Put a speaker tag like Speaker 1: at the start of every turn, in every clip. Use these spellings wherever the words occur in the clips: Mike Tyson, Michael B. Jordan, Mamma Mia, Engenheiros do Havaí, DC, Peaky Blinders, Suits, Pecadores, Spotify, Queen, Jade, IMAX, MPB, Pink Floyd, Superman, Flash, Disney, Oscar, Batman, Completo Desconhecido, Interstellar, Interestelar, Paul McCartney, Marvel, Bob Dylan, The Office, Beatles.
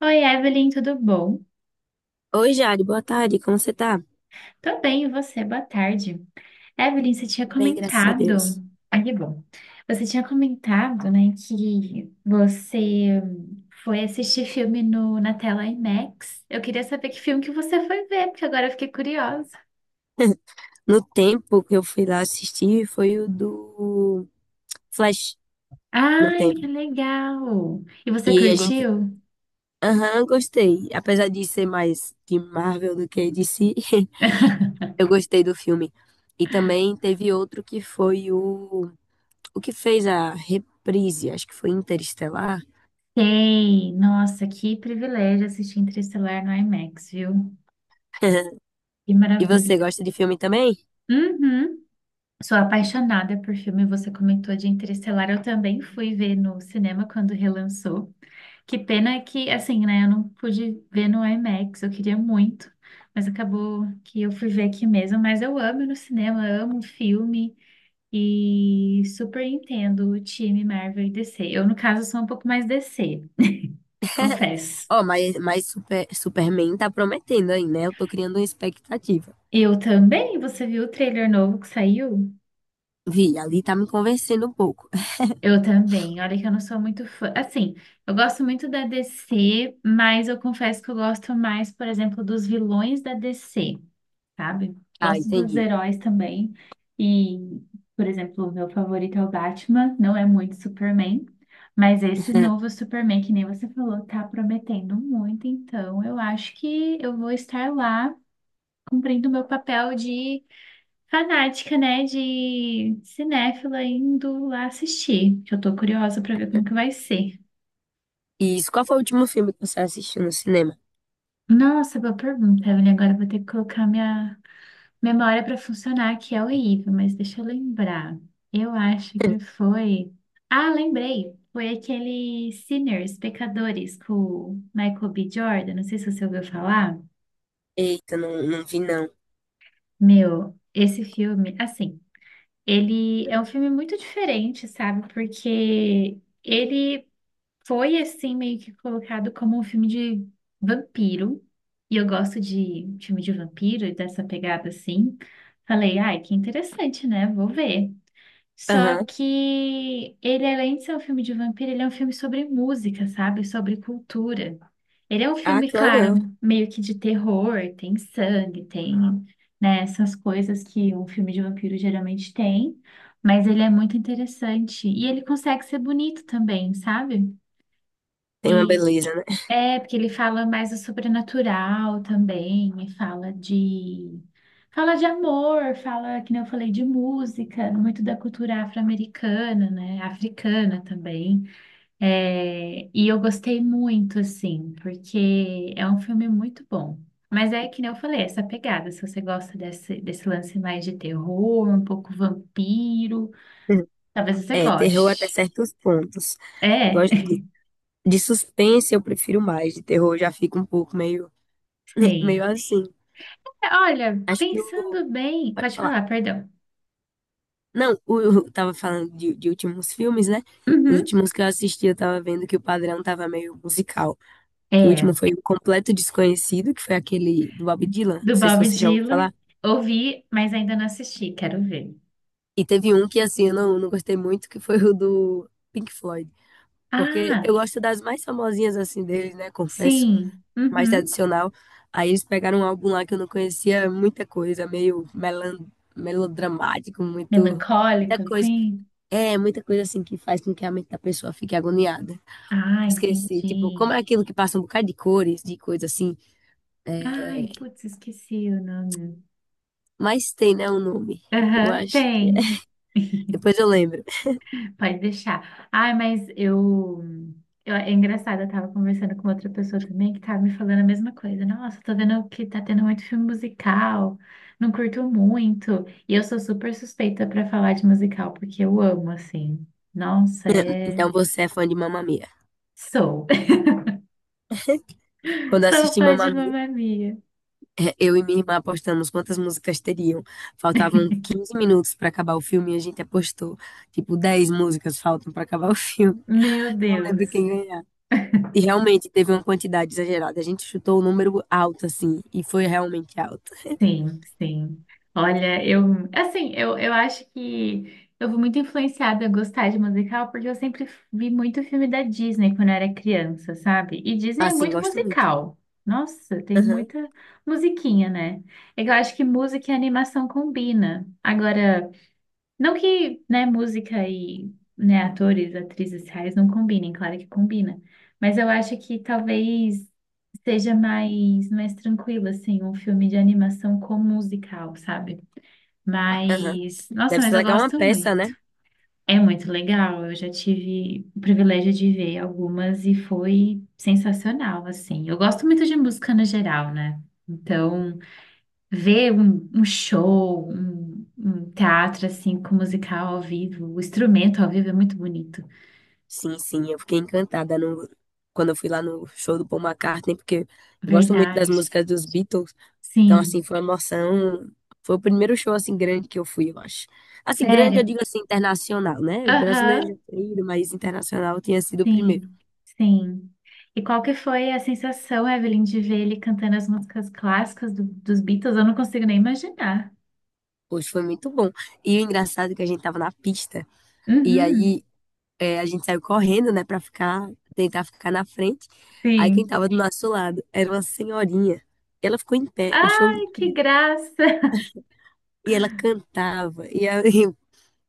Speaker 1: Oi, Evelyn, tudo bom?
Speaker 2: Oi, Jade, boa tarde, como você tá?
Speaker 1: Tô bem, e você? Boa tarde. Evelyn, você tinha
Speaker 2: Bem, graças a
Speaker 1: comentado.
Speaker 2: Deus.
Speaker 1: Ah, que bom. Você tinha comentado, né, que você foi assistir filme no, na tela IMAX. Eu queria saber que filme que você foi ver, porque agora eu fiquei curiosa.
Speaker 2: No tempo que eu fui lá assistir foi o do Flash, no
Speaker 1: Ai, que
Speaker 2: tempo.
Speaker 1: legal! E você
Speaker 2: E a gente,
Speaker 1: curtiu?
Speaker 2: aham, gostei. Apesar de ser mais de Marvel do que de DC, eu gostei do filme. E também teve outro que foi o que fez a reprise, acho que foi Interestelar.
Speaker 1: Sei! Nossa, que privilégio assistir Interestelar no IMAX, viu? Que
Speaker 2: E você
Speaker 1: maravilha!
Speaker 2: gosta de filme também?
Speaker 1: Uhum. Sou apaixonada por filme, você comentou de Interestelar, eu também fui ver no cinema quando relançou. Que pena que, assim, né, eu não pude ver no IMAX, eu queria muito, mas acabou que eu fui ver aqui mesmo. Mas eu amo ir no cinema, amo um filme e super entendo o time Marvel e DC. Eu, no caso, sou um pouco mais DC, confesso.
Speaker 2: Ó, mas Super- Superman tá prometendo aí, né? Eu tô criando uma expectativa.
Speaker 1: Eu também, você viu o trailer novo que saiu?
Speaker 2: Vi, ali tá me convencendo um pouco.
Speaker 1: Eu também. Olha que eu não sou muito fã. Assim, eu gosto muito da DC, mas eu confesso que eu gosto mais, por exemplo, dos vilões da DC, sabe?
Speaker 2: Ah,
Speaker 1: Gosto dos
Speaker 2: entendi.
Speaker 1: heróis também. E, por exemplo, o meu favorito é o Batman, não é muito Superman, mas esse novo Superman, que nem você falou, tá prometendo muito. Então, eu acho que eu vou estar lá cumprindo o meu papel de fanática, né, de cinéfila indo lá assistir, que eu tô curiosa pra ver como que vai ser.
Speaker 2: E isso, qual foi o último filme que você assistiu no cinema?
Speaker 1: Nossa, boa pergunta, Evelyn. Agora eu vou ter que colocar minha memória pra funcionar, que é horrível, mas deixa eu lembrar. Eu acho que foi. Ah, lembrei. Foi aquele Sinners, Pecadores, com o Michael B. Jordan. Não sei se você ouviu falar.
Speaker 2: Eita, não vi não.
Speaker 1: Meu, esse filme, assim, ele é um filme muito diferente, sabe? Porque ele foi assim meio que colocado como um filme de vampiro. E eu gosto de filme de vampiro e dessa pegada assim. Falei, ai, que interessante, né? Vou ver. Só
Speaker 2: Aham.
Speaker 1: que ele, além de ser um filme de vampiro, ele é um filme sobre música, sabe? Sobre cultura. Ele é um
Speaker 2: Ah,
Speaker 1: filme,
Speaker 2: que legal.
Speaker 1: claro, meio que de terror, tem sangue, tem, né, essas coisas que um filme de vampiro geralmente tem. Mas ele é muito interessante. E ele consegue ser bonito também, sabe?
Speaker 2: Tem uma
Speaker 1: E
Speaker 2: beleza, né?
Speaker 1: é, porque ele fala mais do sobrenatural também, e fala de amor, fala, que nem eu falei, de música, muito da cultura afro-americana, né? Africana também. É, e eu gostei muito, assim, porque é um filme muito bom. Mas é que nem eu falei, essa pegada, se você gosta desse lance mais de terror, um pouco vampiro,
Speaker 2: Hum.
Speaker 1: talvez você
Speaker 2: É, terror até
Speaker 1: goste.
Speaker 2: certos pontos.
Speaker 1: É,
Speaker 2: Gosto de suspense eu prefiro mais, de terror eu já fica um pouco meio, meio
Speaker 1: sim.
Speaker 2: assim.
Speaker 1: Olha,
Speaker 2: Acho que o-
Speaker 1: pensando bem,
Speaker 2: pode
Speaker 1: pode
Speaker 2: falar.
Speaker 1: falar, perdão.
Speaker 2: Não, o- eu tava falando de últimos filmes, né? Os
Speaker 1: Uhum.
Speaker 2: últimos que eu assisti, eu tava vendo que o padrão tava meio musical. Que o último
Speaker 1: É,
Speaker 2: foi o Completo Desconhecido, que foi aquele do Bob Dylan, não
Speaker 1: do
Speaker 2: sei se
Speaker 1: Bob
Speaker 2: você já ouviu
Speaker 1: Dylan.
Speaker 2: falar.
Speaker 1: Ouvi, mas ainda não assisti, quero ver.
Speaker 2: E teve um que, assim, eu não gostei muito, que foi o do Pink Floyd, porque
Speaker 1: Ah,
Speaker 2: eu gosto das mais famosinhas, assim, deles, né, confesso,
Speaker 1: sim.
Speaker 2: mais
Speaker 1: Uhum.
Speaker 2: tradicional. Aí eles pegaram um álbum lá que eu não conhecia muita coisa, meio melan melodramático, muito... Muita
Speaker 1: Melancólico,
Speaker 2: coisa,
Speaker 1: assim.
Speaker 2: é, muita coisa assim que faz com que a mente da pessoa fique agoniada.
Speaker 1: Ah,
Speaker 2: Esqueci, tipo,
Speaker 1: entendi.
Speaker 2: como é aquilo que passa um bocado de cores, de coisa assim, é.
Speaker 1: Ai, putz, esqueci o nome.
Speaker 2: Mas tem, né, um nome. Eu
Speaker 1: Aham,
Speaker 2: acho que é.
Speaker 1: tem.
Speaker 2: Depois eu lembro.
Speaker 1: Pode deixar. Ah, mas eu, eu. é engraçado, eu tava conversando com outra pessoa também que tava me falando a mesma coisa. Nossa, tô vendo que tá tendo muito filme musical, não curto muito. E eu sou super suspeita pra falar de musical, porque eu amo, assim. Nossa, é.
Speaker 2: Então você é fã de Mamma Mia.
Speaker 1: Sou.
Speaker 2: Quando eu
Speaker 1: Sou
Speaker 2: assisti
Speaker 1: fã
Speaker 2: Mamma
Speaker 1: de
Speaker 2: Mia,
Speaker 1: Mamma Mia.
Speaker 2: eu e minha irmã apostamos quantas músicas teriam. Faltavam 15 minutos pra acabar o filme e a gente apostou. Tipo, 10 músicas faltam pra acabar o filme.
Speaker 1: Meu
Speaker 2: Não lembro
Speaker 1: Deus.
Speaker 2: quem ganhar. E realmente teve uma quantidade exagerada. A gente chutou o número alto, assim, e foi realmente alto.
Speaker 1: Sim, sim. Olha, eu, assim, eu acho que eu fui muito influenciada a gostar de musical porque eu sempre vi muito filme da Disney quando eu era criança, sabe? E Disney é
Speaker 2: Assim,
Speaker 1: muito
Speaker 2: gosto muito.
Speaker 1: musical. Nossa, tem
Speaker 2: Aham.
Speaker 1: muita musiquinha, né? É que eu acho que música e animação combina. Agora, não que, né, música e, né, atores, atrizes reais não combinem, claro que combina. Mas eu acho que talvez seja mais, mais tranquilo, assim, um filme de animação com musical, sabe?
Speaker 2: Aham.
Speaker 1: Mas, nossa,
Speaker 2: Deve
Speaker 1: mas
Speaker 2: ser
Speaker 1: eu
Speaker 2: legal uma
Speaker 1: gosto
Speaker 2: peça, né?
Speaker 1: muito. É muito legal. Eu já tive o privilégio de ver algumas e foi sensacional, assim. Eu gosto muito de música no geral, né? Então, ver um show, um teatro assim com musical ao vivo, o instrumento ao vivo é muito bonito.
Speaker 2: Sim, sim, eu fiquei encantada no... quando eu fui lá no show do Paul McCartney, porque eu gosto muito das
Speaker 1: Verdade.
Speaker 2: músicas dos Beatles, então, assim,
Speaker 1: Sim.
Speaker 2: foi uma emoção. Foi o primeiro show, assim, grande que eu fui, eu acho. Assim, grande, eu
Speaker 1: Sério?
Speaker 2: digo assim, internacional, né? Brasileiro já
Speaker 1: Aham.
Speaker 2: tinha ido, mas internacional tinha sido o primeiro.
Speaker 1: Sim. Sim. E qual que foi a sensação, Evelyn, de ver ele cantando as músicas clássicas dos Beatles? Eu não consigo nem imaginar.
Speaker 2: Poxa, foi muito bom. E o engraçado é que a gente tava na pista, e
Speaker 1: Uhum.
Speaker 2: aí é, a gente saiu correndo, né, pra ficar, tentar ficar na frente. Aí quem
Speaker 1: Sim.
Speaker 2: tava do nosso lado era uma senhorinha. E ela ficou em pé o show
Speaker 1: Ai, que
Speaker 2: inteiro.
Speaker 1: graça!
Speaker 2: E ela cantava, e, a-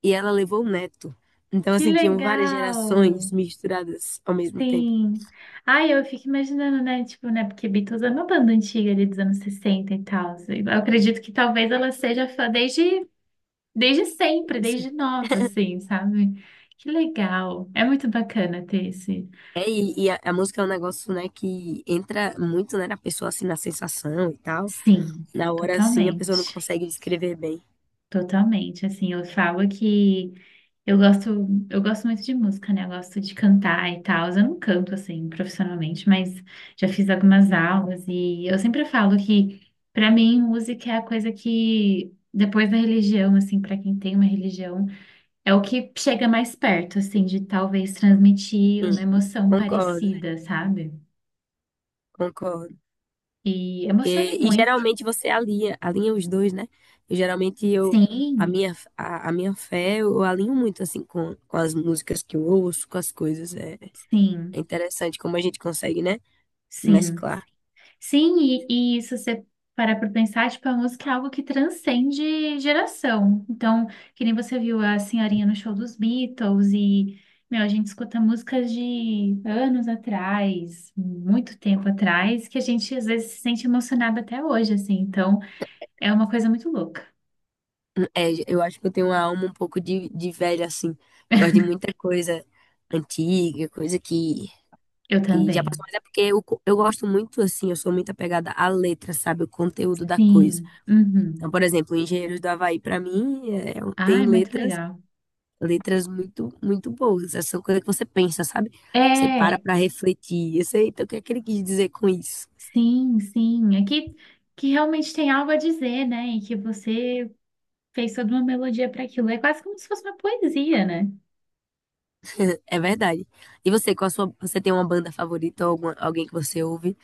Speaker 2: e ela levou o neto. Então,
Speaker 1: Que
Speaker 2: assim, tinham várias
Speaker 1: legal!
Speaker 2: gerações misturadas ao mesmo tempo.
Speaker 1: Sim. Ai, eu fico imaginando, né? Tipo, né? Porque Beatles é uma banda antiga ali dos anos 60 e tal. Assim, eu acredito que talvez ela seja fã desde sempre,
Speaker 2: Isso.
Speaker 1: desde nova, assim, sabe? Que legal. É muito bacana ter esse.
Speaker 2: É, e a música é um negócio, né, que entra muito, né, na pessoa, assim, na sensação e tal.
Speaker 1: Sim,
Speaker 2: Na hora, assim, a pessoa não
Speaker 1: totalmente.
Speaker 2: consegue descrever bem.
Speaker 1: Totalmente, assim, eu falo que eu gosto, eu gosto muito de música, né? Eu gosto de cantar e tal. Eu não canto assim profissionalmente, mas já fiz algumas aulas e eu sempre falo que pra mim música é a coisa que depois da religião, assim, pra quem tem uma religião, é o que chega mais perto, assim, de talvez transmitir uma
Speaker 2: Sim,
Speaker 1: emoção
Speaker 2: concordo.
Speaker 1: parecida, sabe?
Speaker 2: Concordo.
Speaker 1: E emociona
Speaker 2: Porque- E,
Speaker 1: muito.
Speaker 2: geralmente você alinha, alinha os dois, né? E geralmente eu, a
Speaker 1: Sim,
Speaker 2: minha, a, a minha fé, eu alinho muito assim com as músicas que eu ouço, com as coisas. É, é
Speaker 1: sim,
Speaker 2: interessante como a gente consegue, né?
Speaker 1: sim.
Speaker 2: Mesclar.
Speaker 1: Sim, e se você parar para pensar, tipo, a música é algo que transcende geração. Então, que nem você viu a senhorinha no show dos Beatles e, meu, a gente escuta músicas de anos atrás, muito tempo atrás, que a gente às vezes se sente emocionado até hoje, assim. Então, é uma coisa muito louca.
Speaker 2: É, eu acho que eu tenho uma alma um pouco de velha, assim. Gosto de muita coisa antiga, coisa
Speaker 1: Eu
Speaker 2: que já
Speaker 1: também.
Speaker 2: passou. Mas é porque eu, co- eu gosto muito, assim, eu sou muito apegada à letra, sabe? O conteúdo da coisa.
Speaker 1: Sim. Uhum.
Speaker 2: Então, por exemplo, Engenheiros do Havaí, pra mim, é, tem
Speaker 1: Ai, muito
Speaker 2: letras
Speaker 1: legal.
Speaker 2: letras muito, muito boas. Essas são coisas que você pensa, sabe? Você para
Speaker 1: É,
Speaker 2: pra refletir. Eu sei, então, o que é que ele quis dizer com isso?
Speaker 1: sim, sim. Aqui que realmente tem algo a dizer, né? E que você fez toda uma melodia para aquilo. É quase como se fosse uma poesia, né?
Speaker 2: É verdade. E você, qual a sua, você tem uma banda favorita ou alguma- alguém que você ouve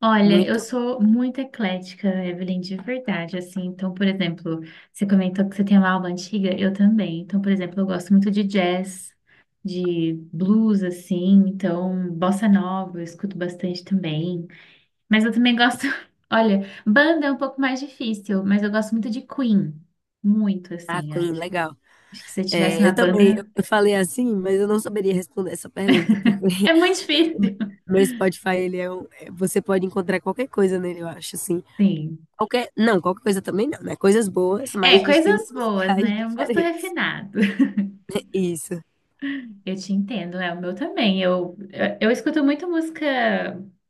Speaker 1: Olha, eu
Speaker 2: muito?
Speaker 1: sou muito eclética, Evelyn, de verdade, assim. Então, por exemplo, você comentou que você tem uma alma antiga, eu também. Então, por exemplo, eu gosto muito de jazz, de blues, assim. Então, bossa nova, eu escuto bastante também. Mas eu também gosto. Olha, banda é um pouco mais difícil, mas eu gosto muito de Queen. Muito,
Speaker 2: Ah,
Speaker 1: assim,
Speaker 2: Queen,
Speaker 1: acho.
Speaker 2: legal.
Speaker 1: Acho que se eu tivesse
Speaker 2: É,
Speaker 1: uma
Speaker 2: eu também, eu
Speaker 1: banda,
Speaker 2: eu falei assim, mas eu não saberia responder essa pergunta, porque
Speaker 1: é muito difícil.
Speaker 2: meu Spotify, ele é um, é- você pode encontrar qualquer coisa nele, eu acho, assim.
Speaker 1: Sim.
Speaker 2: Qualquer, não, qualquer coisa também não, né? Coisas boas, mas
Speaker 1: É,
Speaker 2: de estilos
Speaker 1: coisas boas,
Speaker 2: musicais
Speaker 1: né? Um gosto
Speaker 2: diferentes.
Speaker 1: refinado.
Speaker 2: Isso.
Speaker 1: Eu te entendo, é o meu também. Eu escuto muito música,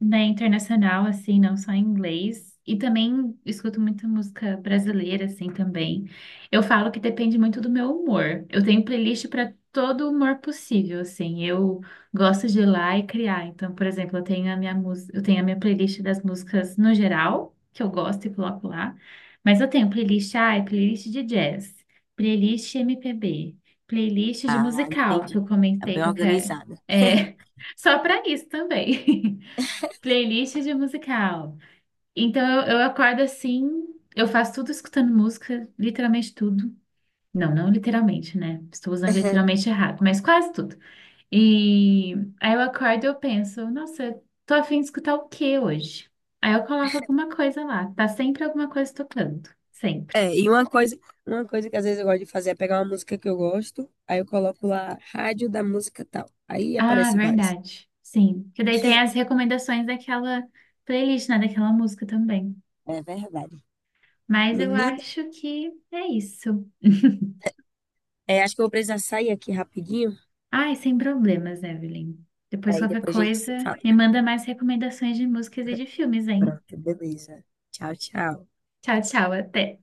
Speaker 1: né, internacional, assim, não só em inglês, e também escuto muita música brasileira, assim, também. Eu falo que depende muito do meu humor. Eu tenho playlist para todo humor possível, assim. Eu gosto de ir lá e criar. Então, por exemplo, eu tenho a minha música, eu tenho a minha playlist das músicas no geral, que eu gosto e coloco lá. Mas eu tenho playlist, ah, é playlist de jazz, playlist MPB. Playlist de
Speaker 2: Ah,
Speaker 1: musical, que
Speaker 2: entendi.
Speaker 1: eu
Speaker 2: Tá
Speaker 1: comentei
Speaker 2: bem
Speaker 1: que eu quero.
Speaker 2: organizada.
Speaker 1: É, só para isso também. Playlist de musical. Então eu acordo assim, eu faço tudo escutando música, literalmente tudo. Não, não literalmente, né? Estou usando literalmente errado, mas quase tudo. E aí eu acordo e eu penso, nossa, tô a fim de escutar o que hoje? Aí eu coloco alguma coisa lá, tá sempre alguma coisa tocando, sempre.
Speaker 2: É, e uma coisa que às vezes eu gosto de fazer é pegar uma música que eu gosto, aí eu coloco lá rádio da música tal. Aí
Speaker 1: Ah,
Speaker 2: aparece várias.
Speaker 1: verdade. Sim. Que daí tem as recomendações daquela playlist, né? Daquela música também.
Speaker 2: É verdade.
Speaker 1: Mas eu
Speaker 2: Menina,
Speaker 1: acho que é isso.
Speaker 2: é, acho que eu vou precisar sair aqui rapidinho,
Speaker 1: Ai, sem problemas, Evelyn. Depois
Speaker 2: aí
Speaker 1: qualquer
Speaker 2: depois a gente se
Speaker 1: coisa,
Speaker 2: fala.
Speaker 1: me manda mais recomendações de músicas e de filmes, hein?
Speaker 2: Pronto, beleza. Tchau, tchau.
Speaker 1: Tchau, tchau, até.